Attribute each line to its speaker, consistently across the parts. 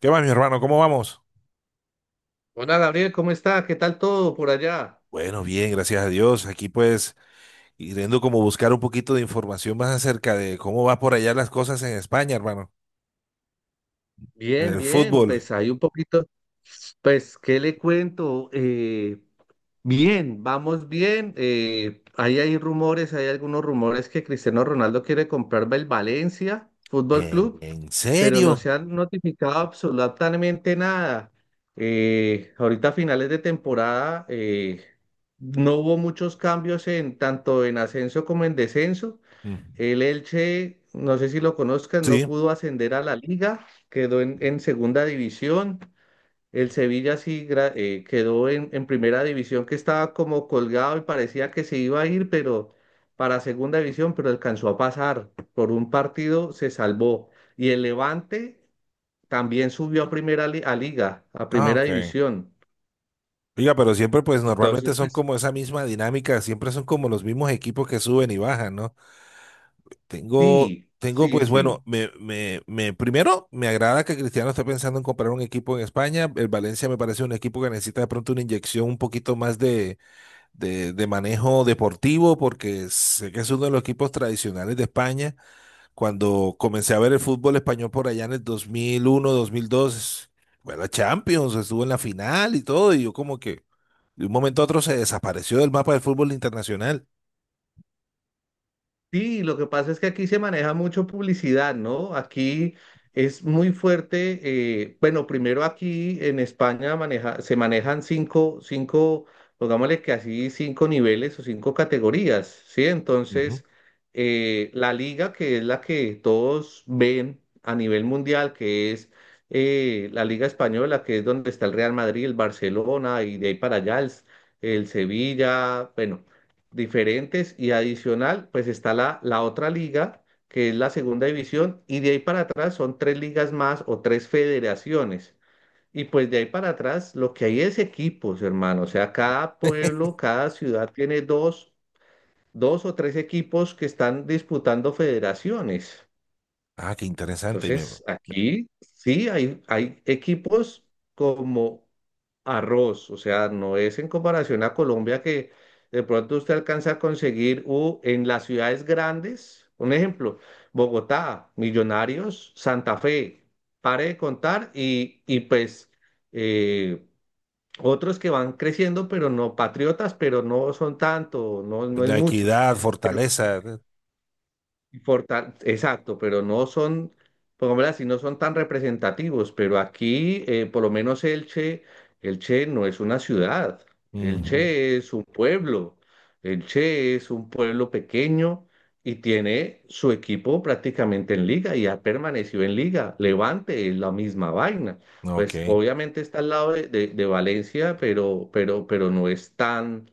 Speaker 1: ¿Qué más, mi hermano? ¿Cómo vamos?
Speaker 2: Hola Gabriel, ¿cómo está? ¿Qué tal todo por allá?
Speaker 1: Bueno, bien, gracias a Dios. Aquí pues yendo como buscar un poquito de información más acerca de cómo va por allá las cosas en España, hermano. En
Speaker 2: Bien,
Speaker 1: el
Speaker 2: bien,
Speaker 1: fútbol.
Speaker 2: pues hay un poquito, pues, ¿qué le cuento? Bien, vamos bien. Ahí hay rumores, hay algunos rumores que Cristiano Ronaldo quiere comprarme el Valencia Fútbol
Speaker 1: ¿En,
Speaker 2: Club,
Speaker 1: en
Speaker 2: pero no
Speaker 1: serio?
Speaker 2: se han notificado absolutamente nada. Ahorita a finales de temporada, no hubo muchos cambios en tanto en ascenso como en descenso.
Speaker 1: Mm,
Speaker 2: El Elche, no sé si lo conozcas, no
Speaker 1: sí.
Speaker 2: pudo ascender a la liga, quedó en segunda división. El Sevilla sí quedó en primera división, que estaba como colgado y parecía que se iba a ir, pero para segunda división, pero alcanzó a pasar. Por un partido se salvó. Y el Levante también subió a liga, a
Speaker 1: Ah,
Speaker 2: primera
Speaker 1: ok.
Speaker 2: división.
Speaker 1: Oiga, pero siempre pues normalmente
Speaker 2: Entonces,
Speaker 1: son
Speaker 2: pues
Speaker 1: como esa misma dinámica, siempre son como los mismos equipos que suben y bajan, ¿no? Tengo,
Speaker 2: sí,
Speaker 1: tengo
Speaker 2: sí,
Speaker 1: pues
Speaker 2: sí.
Speaker 1: bueno, primero me agrada que Cristiano esté pensando en comprar un equipo en España. El Valencia me parece un equipo que necesita de pronto una inyección un poquito más de de manejo deportivo, porque sé que es uno de los equipos tradicionales de España. Cuando comencé a ver el fútbol español por allá en el 2001, 2002, fue la Champions, estuvo en la final y todo, y yo como que de un momento a otro se desapareció del mapa del fútbol internacional.
Speaker 2: Sí, lo que pasa es que aquí se maneja mucho publicidad, ¿no? Aquí es muy fuerte. Bueno, primero aquí en España maneja, se manejan cinco, cinco, pongámosle que así, cinco niveles o cinco categorías, ¿sí?
Speaker 1: Ujú.
Speaker 2: Entonces, la liga, que es la que todos ven a nivel mundial, que es la Liga Española, que es donde está el Real Madrid, el Barcelona, y de ahí para allá el Sevilla, bueno, diferentes y adicional, pues está la otra liga, que es la segunda división, y de ahí para atrás son tres ligas más o tres federaciones. Y pues de ahí para atrás lo que hay es equipos, hermano. O sea, cada pueblo, cada ciudad tiene dos o tres equipos que están disputando federaciones.
Speaker 1: Ah, qué interesante.
Speaker 2: Entonces, aquí sí hay equipos como arroz, o sea, no es en comparación a Colombia que de pronto usted alcanza a conseguir en las ciudades grandes, un ejemplo, Bogotá, Millonarios, Santa Fe, pare de contar y pues eh, otros que van creciendo, pero no patriotas, pero no son tanto, no, no es
Speaker 1: La
Speaker 2: mucho.
Speaker 1: equidad, fortaleza.
Speaker 2: Exacto, pero no son, pongámoslo así, no son tan representativos, pero aquí, por lo menos Elche, Elche no es una ciudad,
Speaker 1: Ujú.
Speaker 2: Elche es un pueblo, Elche es un pueblo pequeño y tiene su equipo prácticamente en liga y ha permanecido en liga. Levante es la misma vaina.
Speaker 1: Ok,
Speaker 2: Pues obviamente está al lado de Valencia, pero no es tan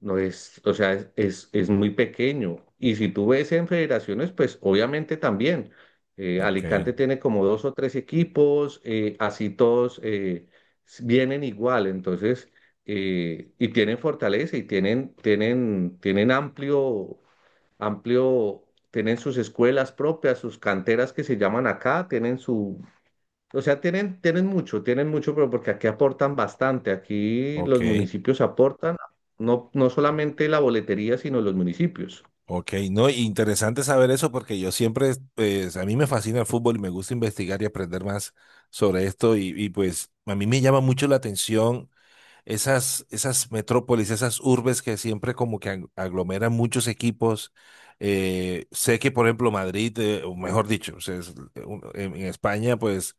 Speaker 2: no es, o sea, es muy pequeño. Y si tú ves en federaciones, pues obviamente también. eh,
Speaker 1: ok,
Speaker 2: Alicante tiene como dos o tres equipos, así todos, vienen igual, entonces, y tienen fortaleza y tienen amplio, amplio, tienen sus escuelas propias, sus canteras que se llaman acá, tienen su, o sea, tienen mucho, tienen mucho, pero porque aquí aportan bastante. Aquí los
Speaker 1: ok.
Speaker 2: municipios aportan, no, no solamente la boletería, sino los municipios.
Speaker 1: Ok, no, interesante saber eso porque yo siempre, pues, a mí me fascina el fútbol y me gusta investigar y aprender más sobre esto y, pues a mí me llama mucho la atención esas metrópolis, esas urbes que siempre como que aglomeran muchos equipos. Sé que por ejemplo Madrid, o mejor dicho, o sea, es en España pues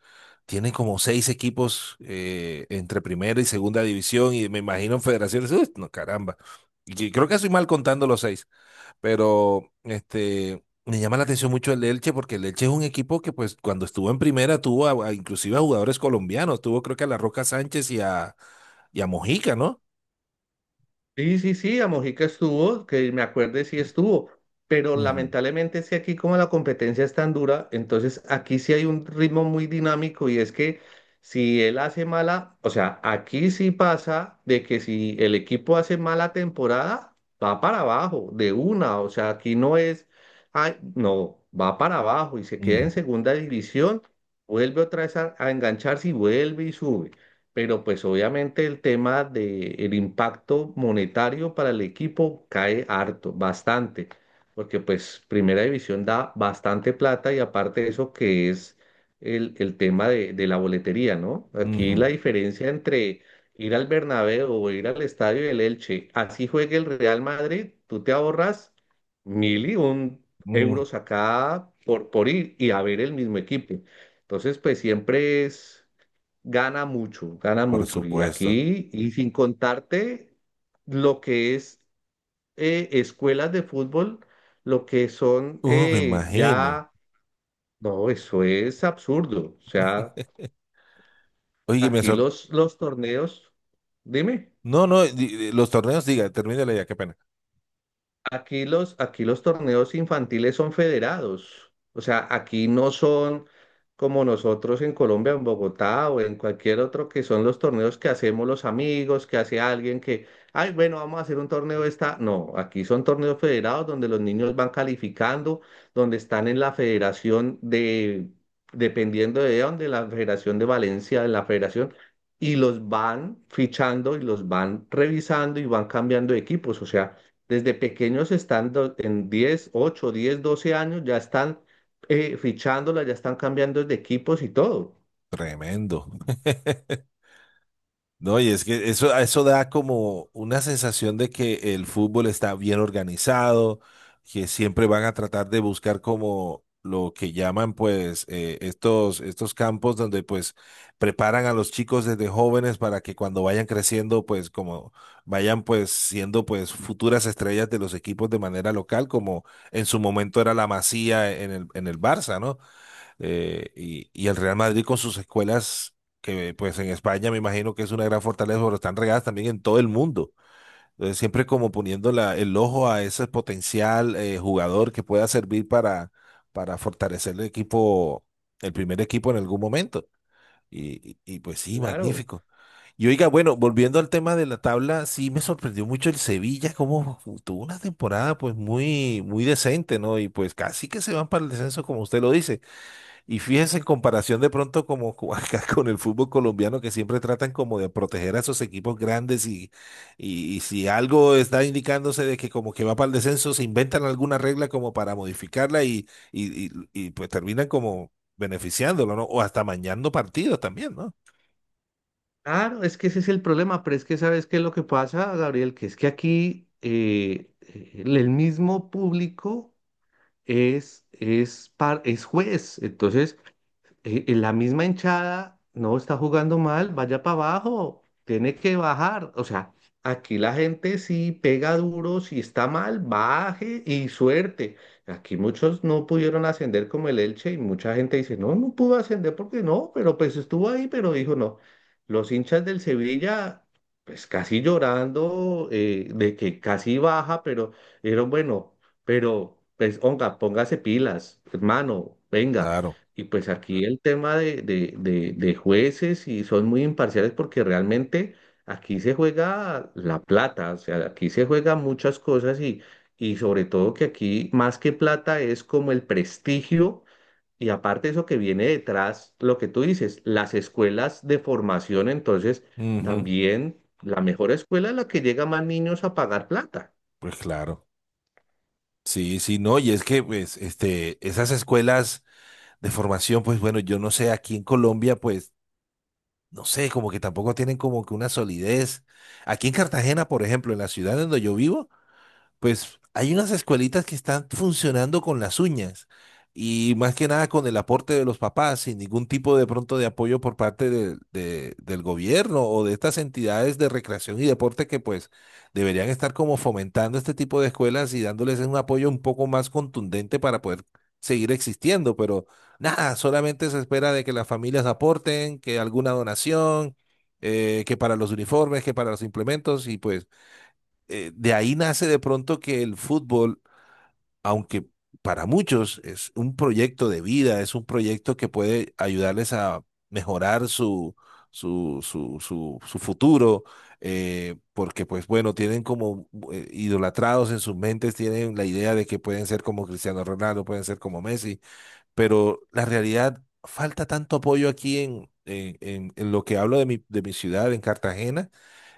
Speaker 1: tiene como seis equipos entre primera y segunda división y me imagino en federaciones, uy, no caramba, y creo que estoy mal contando los seis. Pero este, me llama la atención mucho el Elche porque el Elche es un equipo que pues cuando estuvo en primera tuvo inclusive a jugadores colombianos, tuvo creo que a La Roca Sánchez y a Mojica, ¿no?
Speaker 2: Sí, sí, sí, a Mojica estuvo, que me acuerde sí estuvo, pero
Speaker 1: Ujú,
Speaker 2: lamentablemente es que aquí como la competencia es tan dura, entonces aquí sí hay un ritmo muy dinámico y es que si él hace mala, o sea, aquí sí pasa de que si el equipo hace mala temporada, va para abajo, de una, o sea, aquí no es, ay, no, va para abajo y se queda
Speaker 1: ujú,
Speaker 2: en segunda división, vuelve otra vez a engancharse y vuelve y sube, pero pues obviamente el tema de el impacto monetario para el equipo cae harto, bastante, porque pues Primera División da bastante plata y aparte de eso que es el tema de la boletería, ¿no? Aquí la
Speaker 1: ujú,
Speaker 2: diferencia entre ir al Bernabéu o ir al estadio del Elche, así juegue el Real Madrid, tú te ahorras mil y un
Speaker 1: ujú,
Speaker 2: euros acá por ir y a ver el mismo equipo. Entonces, pues siempre es gana mucho, gana
Speaker 1: por
Speaker 2: mucho. Y
Speaker 1: supuesto.
Speaker 2: aquí, y sin contarte lo que es escuelas de fútbol, lo que son
Speaker 1: Me imagino.
Speaker 2: ya, no, eso es absurdo. O sea,
Speaker 1: Oye, me
Speaker 2: aquí
Speaker 1: sor...
Speaker 2: los torneos, dime.
Speaker 1: No, no, los torneos, diga, termínale ya, qué pena.
Speaker 2: Aquí los torneos infantiles son federados, o sea, aquí no son como nosotros en Colombia, en Bogotá o en cualquier otro, que son los torneos que hacemos los amigos, que hace alguien que, ay, bueno, vamos a hacer un torneo esta. No, aquí son torneos federados donde los niños van calificando, donde están en la federación de, dependiendo de dónde, la Federación de Valencia, de la Federación, y los van fichando y los van revisando y van cambiando de equipos, o sea. Desde pequeños están en 10, 8, 10, 12 años, ya están fichándola, ya están cambiando de equipos y todo.
Speaker 1: Tremendo. No, y es que eso da como una sensación de que el fútbol está bien organizado, que siempre van a tratar de buscar como lo que llaman pues estos campos donde pues preparan a los chicos desde jóvenes para que cuando vayan creciendo pues como vayan pues siendo pues futuras estrellas de los equipos de manera local, como en su momento era la Masía en en el Barça, ¿no? Y el Real Madrid con sus escuelas, que pues en España me imagino que es una gran fortaleza, pero están regadas también en todo el mundo. Entonces, siempre como poniendo el ojo a ese potencial jugador que pueda servir para fortalecer el equipo, el primer equipo en algún momento. Pues sí,
Speaker 2: Claro,
Speaker 1: magnífico. Y oiga, bueno, volviendo al tema de la tabla, sí me sorprendió mucho el Sevilla, como tuvo una temporada pues muy, muy decente, ¿no? Y pues casi que se van para el descenso, como usted lo dice. Y fíjese en comparación de pronto como acá con el fútbol colombiano que siempre tratan como de proteger a esos equipos grandes y si algo está indicándose de que como que va para el descenso, se inventan alguna regla como para modificarla y, pues terminan como beneficiándolo, ¿no? O hasta mañando partidos también, ¿no?
Speaker 2: claro, es que ese es el problema, pero es que sabes qué es lo que pasa, Gabriel, que es que aquí el mismo público es juez. Entonces, la misma hinchada no está jugando mal, vaya para abajo, tiene que bajar. O sea, aquí la gente sí pega duro, si está mal, baje y suerte. Aquí muchos no pudieron ascender como el Elche y mucha gente dice, no, no pudo ascender porque no, pero pues estuvo ahí, pero dijo no. Los hinchas del Sevilla, pues casi llorando, de que casi baja, pero era bueno, pero pues, onga, póngase pilas, hermano, venga.
Speaker 1: Claro.
Speaker 2: Y pues aquí el tema de jueces y son muy imparciales porque realmente aquí se juega la plata, o sea, aquí se juega muchas cosas y sobre todo que aquí más que plata es como el prestigio y aparte eso que viene detrás, lo que tú dices, las escuelas de formación, entonces
Speaker 1: Ujú.
Speaker 2: también la mejor escuela es la que llega más niños a pagar plata.
Speaker 1: Pues claro. Sí, sí, no, y es que pues este, esas escuelas de formación, pues bueno, yo no sé, aquí en Colombia, pues no sé, como que tampoco tienen como que una solidez. Aquí en Cartagena, por ejemplo, en la ciudad donde yo vivo, pues hay unas escuelitas que están funcionando con las uñas y más que nada con el aporte de los papás, sin ningún tipo de pronto de apoyo por parte del gobierno o de estas entidades de recreación y deporte que pues deberían estar como fomentando este tipo de escuelas y dándoles un apoyo un poco más contundente para poder seguir existiendo, pero nada, solamente se espera de que las familias aporten, que alguna donación, que para los uniformes, que para los implementos y pues de ahí nace de pronto que el fútbol, aunque para muchos es un proyecto de vida, es un proyecto que puede ayudarles a mejorar su, su futuro, porque pues bueno, tienen como idolatrados en sus mentes, tienen la idea de que pueden ser como Cristiano Ronaldo, pueden ser como Messi, pero la realidad, falta tanto apoyo aquí en lo que hablo de mi ciudad, en Cartagena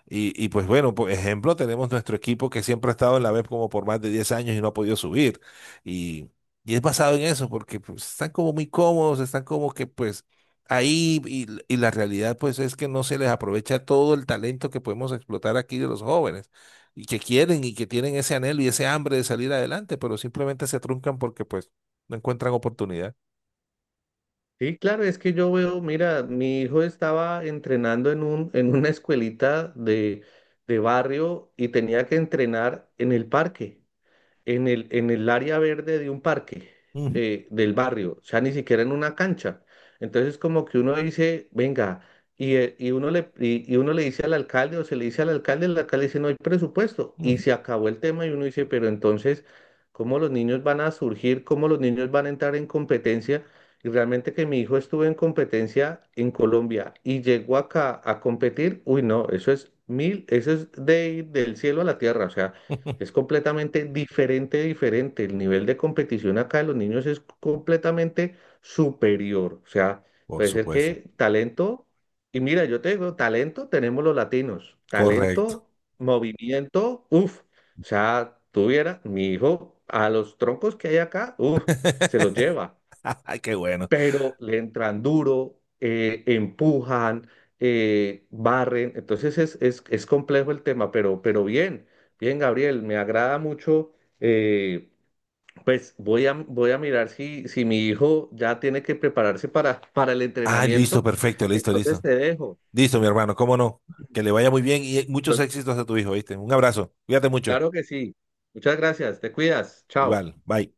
Speaker 1: y pues bueno, por ejemplo, tenemos nuestro equipo que siempre ha estado en la web como por más de 10 años y no ha podido subir. Y, y es basado en eso, porque pues, están como muy cómodos, están como que pues ahí y la realidad pues es que no se les aprovecha todo el talento que podemos explotar aquí de los jóvenes y que quieren y que tienen ese anhelo y ese hambre de salir adelante, pero simplemente se truncan porque pues no encuentran oportunidad.
Speaker 2: Sí, claro, es que yo veo, mira, mi hijo estaba entrenando en una escuelita de barrio y tenía que entrenar en el parque, en el área verde de un parque
Speaker 1: Ujú,
Speaker 2: eh, del barrio, o sea, ni siquiera en una cancha. Entonces, como que uno dice, venga, y uno le dice al alcalde o se le dice al alcalde, el alcalde dice, no hay presupuesto, y
Speaker 1: ujú.
Speaker 2: se acabó el tema y uno dice, pero entonces, ¿cómo los niños van a surgir? ¿Cómo los niños van a entrar en competencia? Y realmente que mi hijo estuvo en competencia en Colombia y llegó acá a competir, uy, no, eso es mil, eso es del cielo a la tierra, o sea. Es completamente diferente, diferente. El nivel de competición acá de los niños es completamente superior. O sea,
Speaker 1: Por
Speaker 2: puede ser
Speaker 1: supuesto.
Speaker 2: que talento, y mira, yo te digo, talento tenemos los latinos,
Speaker 1: Correcto.
Speaker 2: talento, movimiento, uff. O sea, tuviera mi hijo a los troncos que hay acá, uff, se los lleva,
Speaker 1: Ay, qué bueno.
Speaker 2: pero le entran duro, empujan, barren. Entonces es complejo el tema, pero bien, bien, Gabriel, me agrada mucho. eh, pues voy a mirar si mi hijo ya tiene que prepararse para el
Speaker 1: Ah, listo,
Speaker 2: entrenamiento.
Speaker 1: perfecto, listo,
Speaker 2: Entonces
Speaker 1: listo.
Speaker 2: te dejo.
Speaker 1: Listo, mi hermano, cómo no. Que le vaya muy bien y muchos
Speaker 2: Entonces,
Speaker 1: éxitos a tu hijo, ¿viste? Un abrazo. Cuídate mucho.
Speaker 2: claro que sí. Muchas gracias, te cuidas. Chao.
Speaker 1: Igual, bye.